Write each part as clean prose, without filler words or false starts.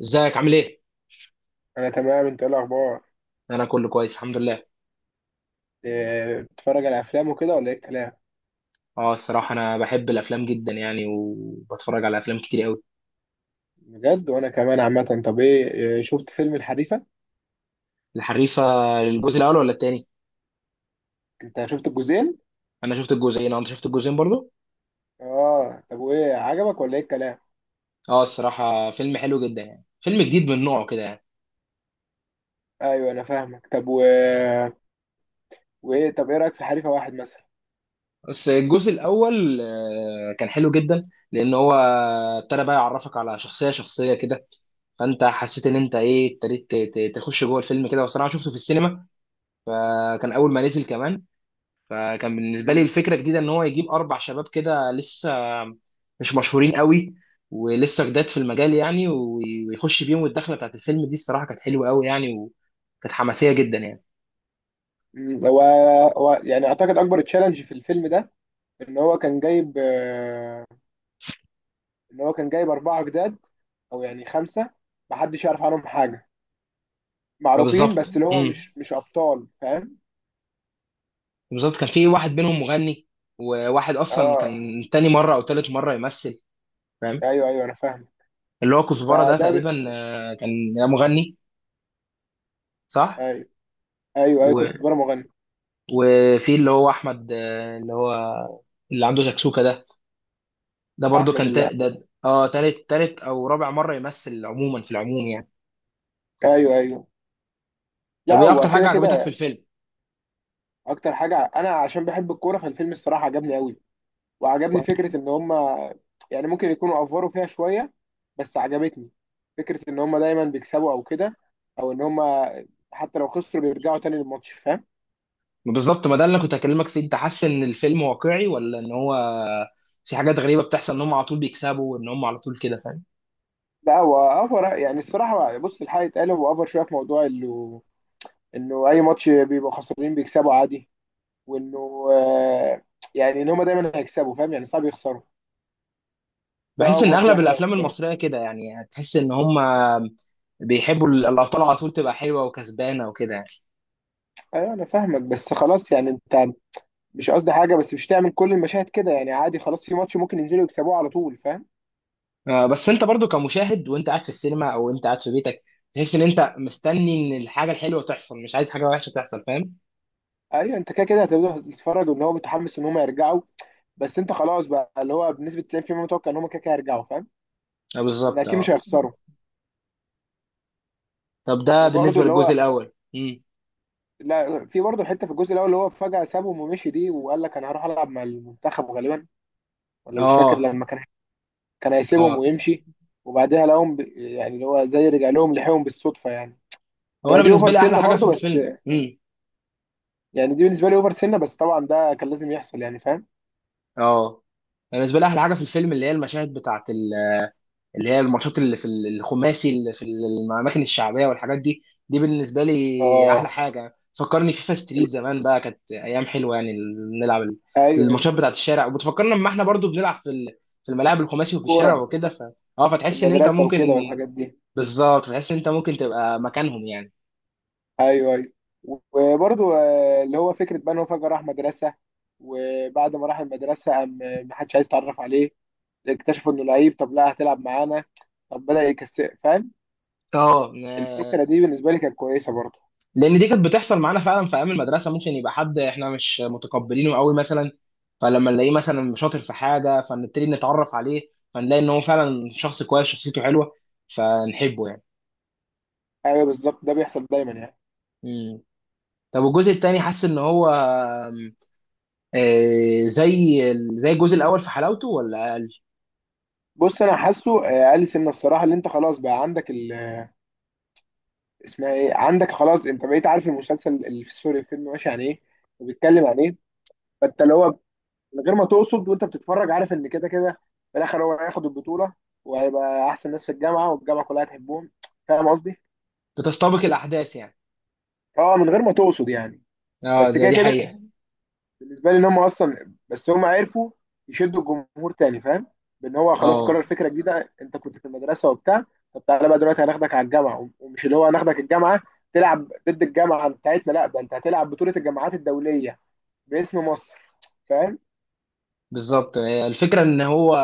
ازيك عامل ايه؟ انا تمام. انت ايه الاخبار؟ انا كله كويس الحمد لله. بتتفرج على افلام وكده ولا ايه الكلام؟ اه، الصراحه انا بحب الافلام جدا يعني، وبتفرج على افلام كتير قوي. بجد؟ وانا كمان عامه. طب ايه، شفت فيلم الحريفه؟ الحريفه. الجزء الاول ولا التاني؟ انت شفت الجزئين؟ انا شفت الجزئين، اه، انت شفت الجزئين برضو؟ اه، طب وايه عجبك ولا ايه الكلام؟ اه، الصراحه فيلم حلو جدا يعني، فيلم جديد من نوعه كده يعني. ايوه انا فاهمك. طب وايه، طب ايه رايك في الحريفه واحد مثلا؟ بس الجزء الاول كان حلو جدا لان هو ابتدى بقى يعرفك على شخصيه شخصيه كده. فانت حسيت ان انت ايه، ابتديت تخش جوه الفيلم كده، والصراحه شفته في السينما كان اول ما نزل كمان. فكان بالنسبه لي امم، الفكره جديده ان هو يجيب اربع شباب كده لسه مش مشهورين قوي، ولسه جداد في المجال يعني، ويخش بيهم الدخله بتاعت الفيلم دي، الصراحه كانت حلوه قوي يعني، وكانت حماسيه جدا يعني. أمم، هو يعني اعتقد اكبر تشالنج في الفيلم ده ان هو كان جايب، ان هو كان جايب اربعه جداد، او يعني خمسه، محدش يعرف عنهم حاجه. معروفين بالظبط. بس اللي هو مش ابطال، فاهم؟ بالظبط كان في واحد منهم مغني، وواحد اصلا اه. كان تاني مره او تالت مره يمثل. فاهم. ايوه ايوه انا فاهم. اللي هو كزبره ده فده ب... تقريبا كان مغني. صح. ايوه. ايوه ايوه، و... كزبره مغني. وفي اللي هو احمد، اللي هو اللي عنده شكسوكه ده. ده برضو احمد كان الله، ده تالت او رابع مره يمثل عموما، في العموم يعني. ايوه ايوه. لا، طب ايه اكتر هو كده حاجه عجبتك في كده. الفيلم؟ اكتر حاجه انا عشان بحب الكوره فالفيلم الصراحه عجبني قوي. وعجبني فكره ان هم يعني ممكن يكونوا افوروا فيها شويه، بس عجبتني فكره ان هم دايما بيكسبوا او كده، او ان هم حتى لو خسروا بيرجعوا تاني للماتش، فاهم؟ بالظبط، ما ده اللي انا كنت هكلمك فيه، انت حاسس ان الفيلم واقعي ولا ان هو في حاجات غريبه بتحصل ان هم على طول بيكسبوا، وان هم على طول كده؟ فاهم. لا هو افور يعني. الصراحه بص، الحقيقه اتقال هو افور شويه في موضوع انه، انه اي ماتش بيبقوا خسرانين بيكسبوا عادي. وانه يعني ان هم دايما هيكسبوا، فاهم؟ يعني صعب يخسروا. ده بحس ان اوفر فيها اغلب شويه الافلام الصراحه. المصريه كده يعني، هتحس ان هم بيحبوا الابطال على طول تبقى حلوه وكسبانه وكده يعني. ايوه انا فاهمك، بس خلاص يعني انت، مش قصدي حاجه بس مش تعمل كل المشاهد كده. يعني عادي خلاص، في ماتش ممكن ينزلوا يكسبوه على طول، فاهم؟ بس انت برضو كمشاهد وانت قاعد في السينما او انت قاعد في بيتك تحس ان انت مستني ان الحاجه الحلوه تحصل، مش عايز حاجه وحشه تحصل. فاهم. ايوه، انت كده كده هتبدا تتفرج ان هو متحمس ان هم يرجعوا، بس انت خلاص بقى اللي هو بنسبه 90% متوقع ان هم كده كده هيرجعوا، فاهم؟ آه، ان بالظبط، اكيد مش اه. هيخسروا. طب ده وبرده بالنسبه اللي للجزء هو، الاول. لا في برده الحته في الجزء الاول اللي هو فجاه سابهم ومشي دي، وقال لك انا هروح العب مع المنتخب غالبا، ولا مش فاكر اه، لما كان، كان هيسيبهم اه، ويمشي، وبعدها لقاهم يعني اللي هو زي رجع لهم، لحقهم بالصدفه يعني. هو هي انا دي اوفر بالنسبه لي احلى سنه حاجه في برضو، بس الفيلم. يعني دي بالنسبه لي اوفر سنه. بس طبعا ده كان لازم يحصل يعني، فاهم؟ اه أنا بالنسبه لي احلى حاجه في الفيلم اللي هي المشاهد بتاعت اللي هي الماتشات اللي في الخماسي، اللي في الاماكن الشعبيه والحاجات دي. دي بالنسبه لي احلى اه. حاجه، فكرني فيفا ستريت زمان بقى، كانت ايام حلوه يعني. نلعب ايوه أيوة. الماتشات بتاعت الشارع، وبتفكرنا لما احنا برضو بنلعب في في الملاعب الخماسي، وفي الشارع كوره وكده. ف اه في فتحس ان انت المدرسه ممكن. وكده والحاجات دي. بالظبط، فتحس ان انت ممكن تبقى مكانهم يعني. ايوه ايوه. وبرضو اللي هو فكره بقى ان هو فجاه راح مدرسه، وبعد ما راح المدرسه قام ما حدش عايز يتعرف عليه، اكتشفوا انه لعيب، طب لا هتلعب معانا، طب بدأ يكسر، فاهم؟ الفكره اه، دي بالنسبه لي كانت كويسه برضو. لان دي كانت بتحصل معانا فعلا في ايام المدرسه، ممكن يبقى حد احنا مش متقبلينه قوي مثلا، فلما نلاقيه مثلا شاطر في حاجه فنبتدي نتعرف عليه، فنلاقي ان هو فعلا شخص كويس، شخصيته حلوه، فنحبه يعني. ايوه بالظبط، ده بيحصل دايما يعني. مم. طب والجزء التاني، حاسس ان هو زي الجزء الاول في حلاوته ولا اقل؟ بص انا حاسه، اقل سنه الصراحه، اللي انت خلاص بقى عندك، اسمها ايه، عندك خلاص انت بقيت عارف المسلسل اللي في، سوري، الفيلم ماشي عن ايه وبيتكلم عن ايه. فانت اللي هو من غير ما تقصد وانت بتتفرج عارف ان كده كده في الاخر هو هياخد البطوله وهيبقى احسن ناس في الجامعه، والجامعه كلها هتحبهم، فاهم قصدي؟ بتستبق الاحداث يعني. اه من غير ما تقصد يعني. اه، بس ده كده دي كده حقيقه. بالنسبه لي ان هم اصلا، بس هم عرفوا يشدوا الجمهور تاني، فاهم؟ بان هو خلاص اه، قرر فكره جديده، انت كنت في المدرسه وبتاع، طب تعالى بقى دلوقتي هناخدك على الجامعه، ومش اللي هو هناخدك الجامعه تلعب ضد الجامعه بتاعتنا، لا ده انت هتلعب بطوله الجامعات الدوليه باسم مصر، فاهم؟ بالظبط، هي الفكرة ان هو،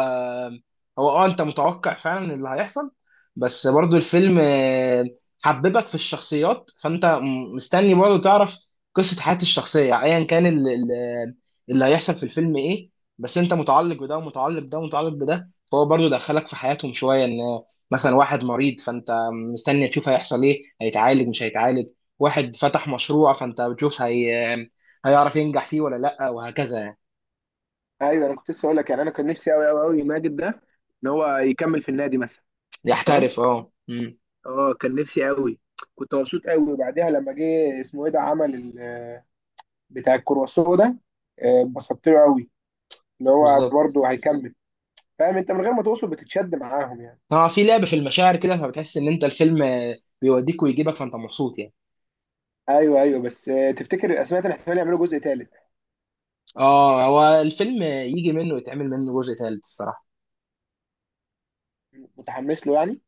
انت متوقع فعلا اللي هيحصل، بس برضو الفيلم حببك في الشخصيات، فانت مستني برضو تعرف قصة حياة الشخصية، ايا كان اللي هيحصل في الفيلم ايه. بس انت متعلق بده، ومتعلق بده، ومتعلق بده، فهو برضو دخلك في حياتهم شوية، ان مثلا واحد مريض فانت مستني تشوف هيحصل ايه، هيتعالج مش هيتعالج. واحد فتح مشروع فانت بتشوف هي هيعرف ينجح فيه ولا لا، وهكذا يعني. ايوه، انا كنت لسه اقول لك يعني، انا كان نفسي قوي قوي قوي ماجد ده ان هو يكمل في النادي مثلا، فاهم؟ يحترف، اه. اه كان نفسي قوي. كنت مبسوط قوي. وبعدها لما جه اسمه ايه ده عمل بتاع الكرواسون ده، اتبسطت له قوي اللي هو بالظبط. برضه هيكمل، فاهم؟ انت من غير ما توصل بتتشد معاهم يعني. اه في لعب في المشاعر كده، فبتحس ان انت الفيلم بيوديك ويجيبك، فانت مبسوط يعني. ايوه ايوه. بس تفتكر الاسماء ده احتمال يعملوا جزء ثالث؟ اه، هو الفيلم يجي منه ويتعمل منه جزء ثالث الصراحه. متحمس له يعني؟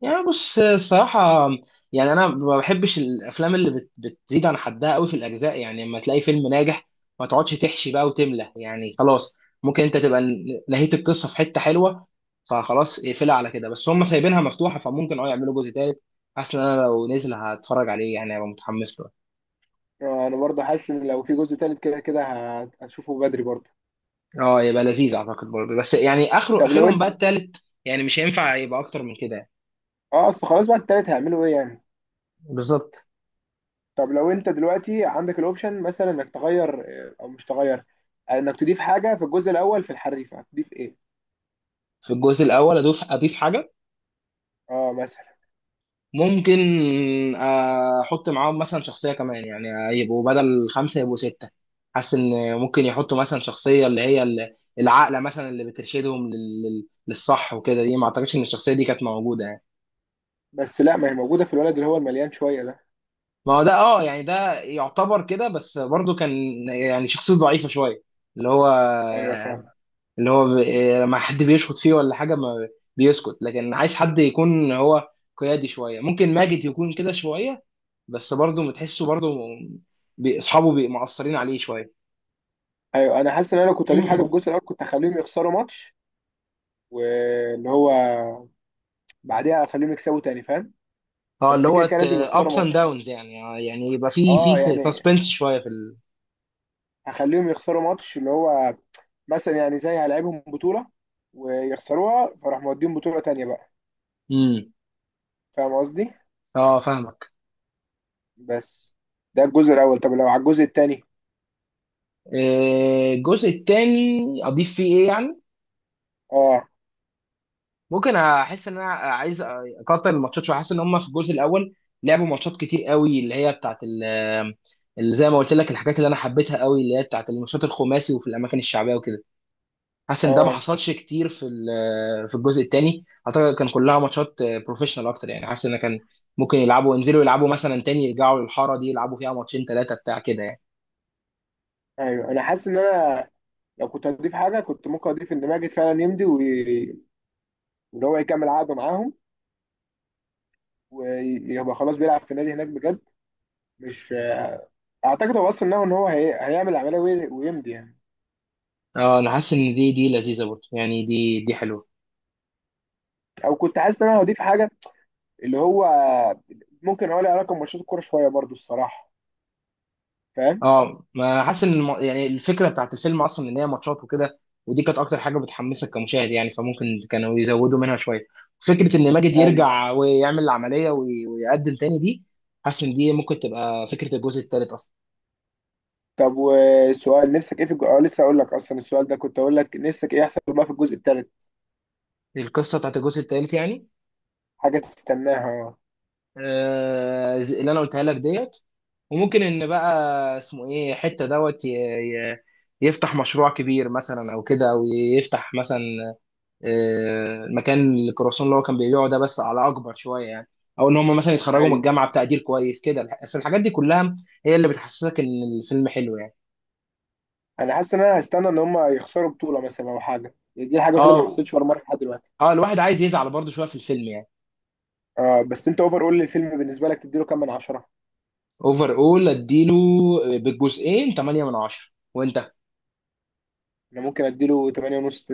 يعني بص الصراحه، يعني انا ما بحبش الافلام اللي بتزيد عن حدها قوي في الاجزاء، يعني لما تلاقي فيلم ناجح ما تقعدش تحشي بقى وتملى يعني، خلاص ممكن انت تبقى نهيت القصه في حته حلوه، فخلاص اقفلها على كده، بس هم سايبينها مفتوحه، فممكن يعملوا جزء ثالث. حاسس ان انا لو نزل هتفرج عليه يعني، هبقى متحمس له. انا برضه حاسس ان لو في جزء ثالث كده كده هتشوفه بدري برضه. اه، يبقى لذيذ اعتقد برضه، بس يعني طب لو اخرهم انت، بقى التالت يعني، مش هينفع يبقى اكتر من كده يعني. اه اصل خلاص بعد الثالث هيعملوا ايه يعني. بالظبط. طب لو انت دلوقتي عندك الاوبشن مثلا انك تغير، او مش تغير، انك تضيف حاجه في الجزء الاول في الحريفه، هتضيف ايه؟ في الجزء الاول، اضيف حاجه، اه مثلا. ممكن احط معاهم مثلا شخصيه كمان يعني، يبقوا بدل خمسه يبقوا سته. حاسس ان ممكن يحطوا مثلا شخصيه اللي هي العاقله مثلا، اللي بترشدهم للصح وكده، دي ما اعتقدش ان الشخصيه دي كانت موجوده يعني. بس لا، ما هي موجوده في الولد اللي هو المليان شويه ده. ما هو ده، اه يعني ده يعتبر كده، بس برضه كان يعني شخصيه ضعيفه شويه، اللي هو ايوه فاهم. اللي هو ب- إيه، لما حد بيشخط فيه ولا حاجه، ما بيسكت، لكن عايز حد يكون هو قيادي شويه، ممكن ماجد يكون كده شويه. بس برضه بتحسه برضه، اصحابه مقصرين عليه شويه. ايوه انا حاسس ان انا لو كنت هضيف حاجه في الجزء الاول كنت هخليهم يخسروا ماتش، واللي هو بعديها اخليهم يكسبوا تاني، فاهم؟ اه، اللي بس كده هو كده لازم يخسروا ابس اند ماتش. داونز يعني، يعني يبقى في اه يعني سسبنس شويه هخليهم يخسروا ماتش اللي هو مثلا، يعني زي هلعبهم بطولة ويخسروها فراح موديهم بطولة تانية بقى، امم فاهم قصدي؟ اه، فاهمك. بس ده الجزء الاول. طب لو على الجزء التاني؟ الجزء التاني اضيف فيه ايه يعني؟ اه. ممكن احس ان انا عايز اقطع الماتشات شويه، حاسس ان هم في الجزء الاول لعبوا ماتشات كتير قوي، اللي هي بتاعت اللي زي ما قلت لك، الحاجات اللي انا حبيتها قوي، اللي هي بتاعت الماتشات الخماسي وفي الاماكن الشعبيه وكده. حاسس ان ده ما اه. حصلش كتير في في الجزء الثاني، اعتقد كان كلها ماتشات بروفيشنال اكتر يعني، حاسس ان كان ممكن يلعبوا ينزلوا يلعبوا مثلا تاني يرجعوا للحاره دي يلعبوا فيها ماتشين ثلاثه بتاع كده يعني. ايوه انا حاسس ان انا لو كنت هضيف حاجة كنت ممكن اضيف ان ماجد فعلا يمضي، واللي هو يكمل عقده معاهم، ويبقى خلاص بيلعب في النادي هناك بجد. مش، اعتقد هو اصلا نوع ان هو هيعمل عمليه ويمضي يعني. اه، انا حاسس ان دي لذيذه برضه يعني، دي حلوه. او كنت حاسس ان انا هضيف حاجه اللي هو ممكن اقول لها رقم ماتشات الكوره شويه برضو الصراحه، فاهم؟ اه، ما حاسس ان يعني الفكره بتاعت الفيلم اصلا ان هي ماتشات وكده، ودي كانت اكتر حاجه بتحمسك كمشاهد يعني، فممكن كانوا يزودوا منها شويه. فكره ان ماجد ايوه. يرجع ويعمل العمليه ويقدم تاني دي، حاسس ان دي ممكن تبقى فكره الجزء الثالث اصلا. طب وسؤال نفسك ايه في آه لسه اقول لك اصلا، السؤال ده كنت اقول لك نفسك ايه يحصل بقى في الجزء الثالث. القصه بتاعت الجزء الثالث يعني، حاجه تستناها. اللي انا قلتها لك ديت، وممكن ان بقى اسمه ايه حته دوت يفتح مشروع كبير مثلا او كده، او يفتح مثلا المكان اللي كروسون اللي هو كان بيبيعه ده، بس على اكبر شويه يعني. او ان هم مثلا يتخرجوا من ايوه الجامعه بتقدير كويس كده بس الحاجات دي كلها هي اللي بتحسسك ان الفيلم حلو يعني. انا حاسس ان انا هستنى ان هم يخسروا بطوله مثلا او حاجه يعني. دي الحاجه الوحيده اللي ما اه، حصلتش ولا مره لحد دلوقتي. اه، الواحد عايز يزعل برضه شويه في الفيلم يعني. آه بس انت اوفر، قول لي الفيلم بالنسبه لك تديله كام من 10؟ اوفر اول اديله بالجزئين 8 من 10 وانت انا ممكن اديله 8 ونص.